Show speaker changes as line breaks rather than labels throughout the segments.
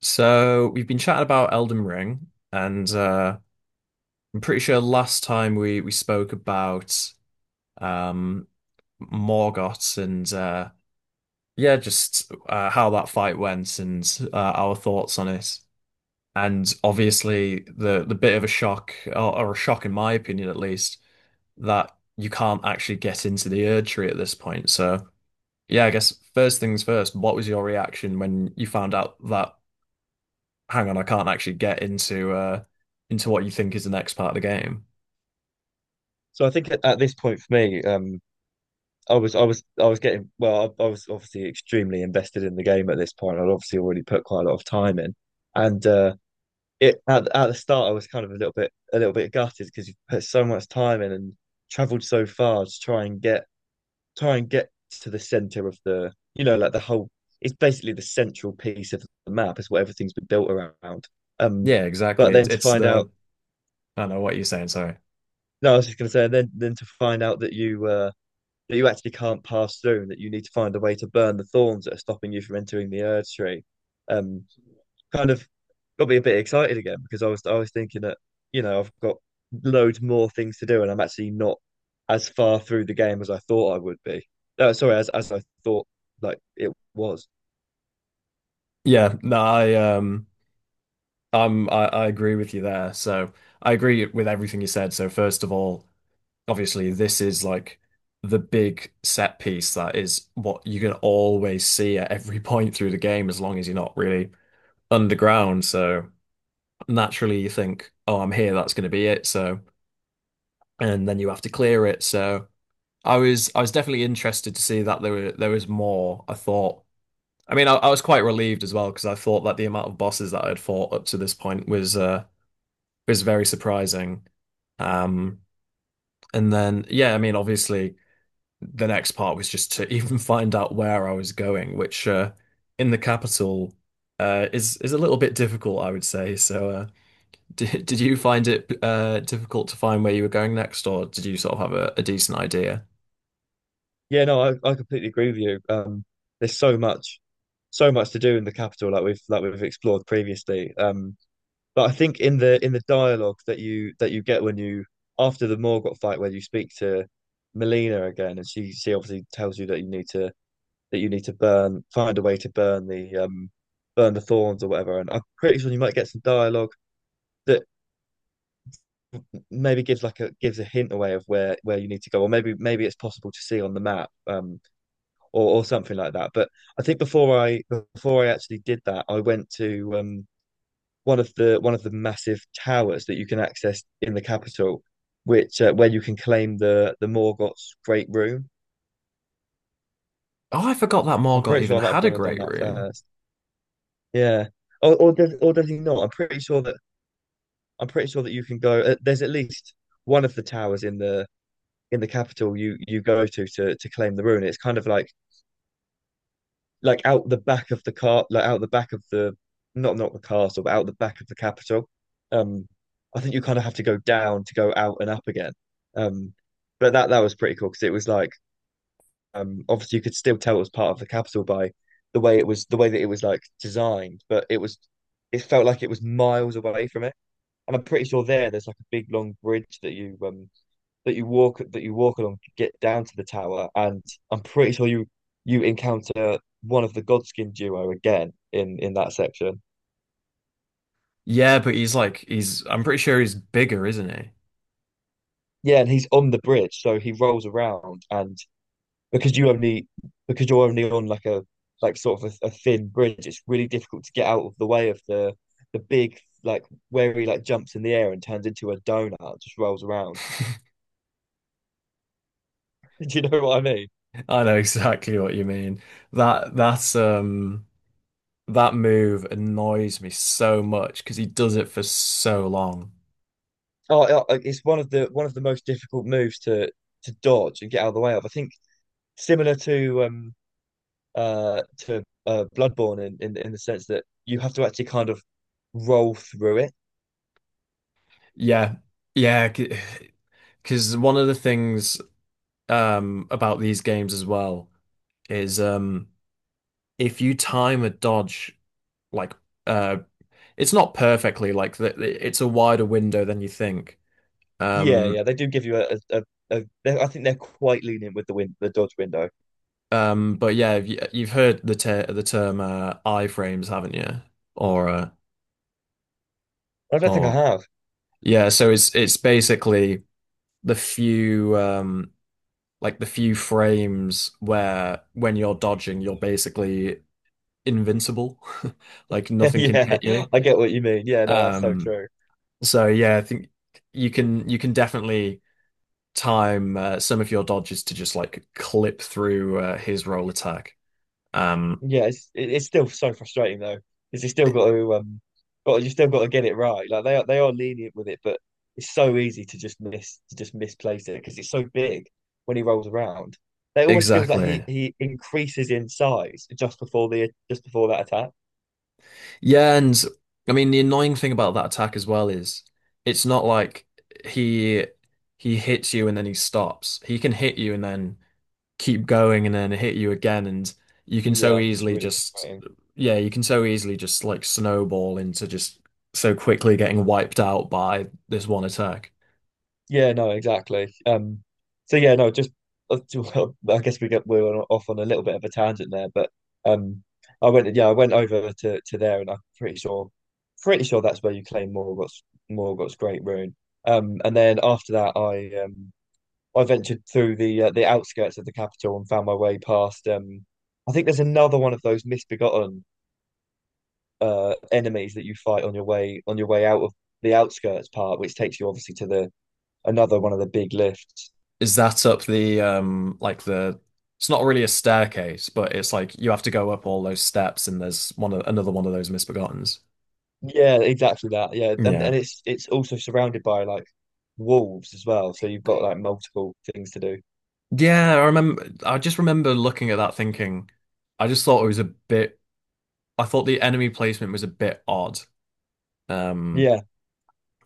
So we've been chatting about Elden Ring, and I'm pretty sure last time we spoke about um, Morgott and yeah, just how that fight went and our thoughts on it. And obviously, the bit of a shock, or a shock in my opinion at least, that you can't actually get into the Erdtree at this point. So yeah, I guess first things first, what was your reaction when you found out that hang on, I can't actually get into what you think is the next part of the game.
So I think at this point for me, I was I was I was getting well, I was obviously extremely invested in the game at this point. I'd obviously already put quite a lot of time in, and it at the start I was kind of a little bit gutted because you put so much time in and travelled so far to try and get to the centre of the like the whole it's basically the central piece of the map. It's what everything's been built around. Um,
Yeah,
but
exactly. It's
then to
it's
find out
the I don't know what you're saying, sorry.
no, I was just going to say then to find out that you actually can't pass through and that you need to find a way to burn the thorns that are stopping you from entering the Erd tree. Um, kind of got me a bit excited again because I was thinking that, I've got loads more things to do and I'm actually not as far through the game as I thought I would be. No, sorry, as I thought like it was.
Yeah, no, I agree with you there. So I agree with everything you said. So first of all, obviously this is like the big set piece that is what you can always see at every point through the game as long as you're not really underground. So naturally you think, oh, I'm here, that's going to be it. So and then you have to clear it. So I was definitely interested to see that there was more. I thought. I mean, I was quite relieved as well because I thought that the amount of bosses that I had fought up to this point was very surprising. Um, and then yeah, I mean, obviously the next part was just to even find out where I was going, which in the capital is a little bit difficult, I would say. So did you find it difficult to find where you were going next, or did you sort of have a decent idea?
Yeah, no, I completely agree with you. There's so much to do in the capital like we've explored previously. But I think in the dialogue that you get when you after the Morgott fight where you speak to Melina again and she obviously tells you that you need to that you need to burn find a way to burn the thorns or whatever, and I'm pretty sure you might get some dialogue that maybe gives like a gives a hint away of where you need to go, or maybe it's possible to see on the map, or or something like that. But I think before I actually did that, I went to one of the massive towers that you can access in the capital, which where you can claim the Morgoth's Great Room.
Oh, I forgot that
I'm
Morgott
pretty
even
sure I might have
had a
gone and done
great
that
rune.
first. Yeah, or does he not? I'm pretty sure that you can go. There's at least one of the towers in the capital you go to to claim the rune. It's kind of like out the back of the car, like out the back of the not the castle, but out the back of the capital. Um, I think you kind of have to go down to go out and up again. Um, but that was pretty cool because it was like obviously you could still tell it was part of the capital by the way it was the way that it was like designed, but it felt like it was miles away from it. And I'm pretty sure there's like a big long bridge that you that you walk along to get down to the tower, and I'm pretty sure you encounter one of the Godskin duo again in that section.
Yeah, but he's like he's I'm pretty sure he's bigger, isn't he?
Yeah, and he's on the bridge, so he rolls around, and because you only because you're only on like a sort of a thin bridge, it's really difficult to get out of the way of the big, like where he like jumps in the air and turns into a donut, just rolls around. Do you know what I mean?
I know exactly what you mean. That's that move annoys me so much because he does it for so long.
Oh, it's one of the most difficult moves to dodge and get out of the way of. I think similar to Bloodborne in the sense that you have to actually kind of roll through it.
Yeah. Yeah, because one of the things about these games as well is if you time a dodge like uh it's not perfectly like that, it's a wider window than you think.
Yeah,
Um
yeah, they do give you a, a, I think they're quite lenient with the win the dodge window.
But yeah, you- you've heard the ter the term iframes, haven't you? Or
I don't think I
or
have.
yeah, so it's basically the few like the few frames where when you're dodging, you're basically invincible, like nothing can
Yeah,
hit you.
I get what you mean. Yeah, no, that's so
Um,
true.
so yeah, I think you can definitely time some of your dodges to just like clip through his roll attack. Um,
Yeah, it's still so frustrating though, because you still
e-
got to got you still got to get it right. Like they are lenient with it, but it's so easy to just miss to just misplace it because it's so big when he rolls around. It almost feels like
exactly.
he increases in size just before the just before that attack.
Yeah, and I mean the annoying thing about that attack as well is it's not like he he hits you and then he stops. He can hit you and then keep going and then hit you again and you can so
Yeah, it's
easily
really
just
frustrating.
yeah, you can so easily just like snowball into just so quickly getting wiped out by this one attack.
Yeah, no, exactly. So yeah, no, just I guess we were off on a little bit of a tangent there, but um, I went, yeah, I went over to there, and pretty sure that's where you claim Morgoth's Great Rune. And then after that, I ventured through the outskirts of the capital and found my way past, I think there's another one of those misbegotten enemies that you fight on your way out of the outskirts part, which takes you obviously to the another one of the big lifts.
Is that up the like the it's not really a staircase, but it's like you have to go up all those steps and there's one of, another one of those misbegottens.
Yeah, exactly that. Yeah, and
Yeah.
it's also surrounded by like wolves as well, so you've got like multiple things to do.
Yeah, I remember. I just remember looking at that thinking, I just thought it was a bit. I thought the enemy placement was a bit odd. Um,
Yeah,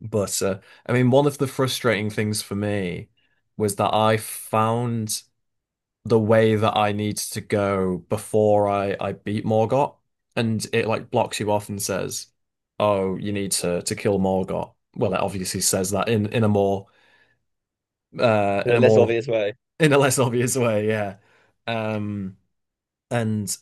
but I mean, one of the frustrating things for me was that I found the way that I needed to go before I beat Morgott, and it like blocks you off and says, "Oh, you need to kill Morgott." Well, it obviously says that in a more
in
in
a
a
less
more
obvious way.
in a less obvious way, yeah. Um. And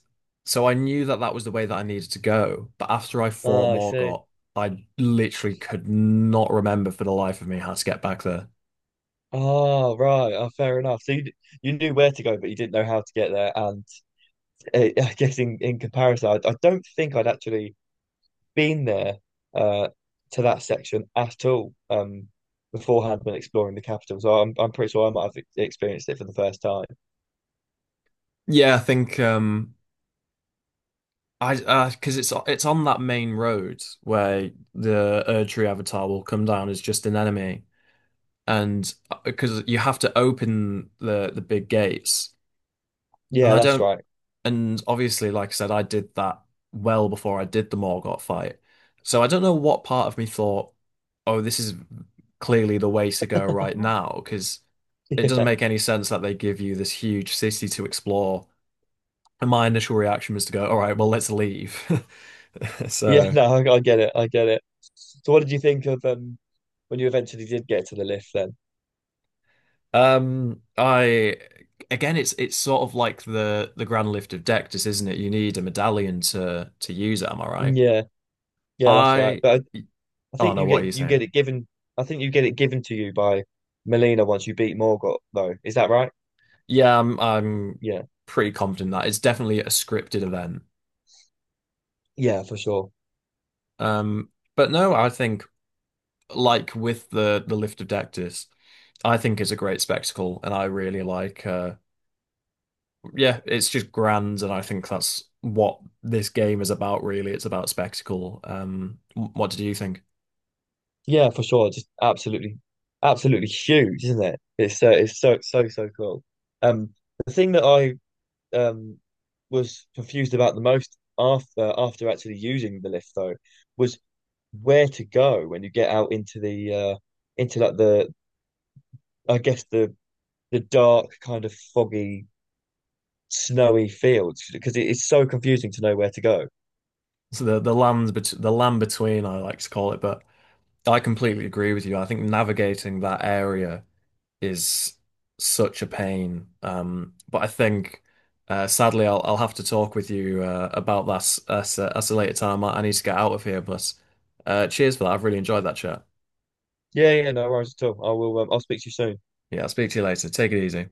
so I knew that that was the way that I needed to go. But after I fought
Oh, I see.
Morgott, I literally could not remember for the life of me how to get back there.
Oh, right. Oh, fair enough. So you knew where to go, but you didn't know how to get there. And eh, I guess in comparison, I don't think I'd actually been there uh to that section at all, beforehand when exploring the capital. So I'm pretty sure I might have experienced it for the first time.
Yeah, I think I 'cause because it's on that main road where the Erdtree avatar will come down as just an enemy, and because you have to open the big gates, and
Yeah,
I
that's
don't
right.
And obviously, like I said, I did that well before I did the Morgott fight. So I don't know what part of me thought, oh, this is clearly the way to go right now, because it doesn't make any sense that they give you this huge city to explore. And my initial reaction was to go, all right, well, let's leave.
Yeah,
So,
no, I get it. I get it. So what did you think of when you eventually did get to the lift then?
I again, it's sort of like the grand lift of Dectus, isn't it? You need a medallion to use it. Am I right?
Yeah, yeah, that's right.
I
But I
oh
think
no, what are you
you get
saying?
it given I think you get it given to you by Melina once you beat Morgott though. Is that right?
Yeah, I'm
Yeah.
pretty confident that it's definitely a scripted event.
Yeah, for sure.
Um, but no, I think like with the lift of Dectus, I think it's a great spectacle, and I really like. Yeah, it's just grand, and I think that's what this game is about. Really, it's about spectacle. Wh- what did you think?
Yeah, for sure. Just absolutely huge, isn't it? It's so so cool. Um the thing that I um was confused about the most after actually using the lift though was where to go when you get out into the into like the I guess the dark kind of foggy snowy fields because it is so confusing to know where to go.
So the land bet the land between, I like to call it, but I completely agree with you. I think navigating that area. Is such a pain. But I think sadly I'll have to talk with you about that at a later time. I need to get out of here, but cheers for that. I've really enjoyed that chat.
Yeah, yeah, no worries at all. I'll speak to you soon.
Yeah, I'll speak to you later. Take it easy.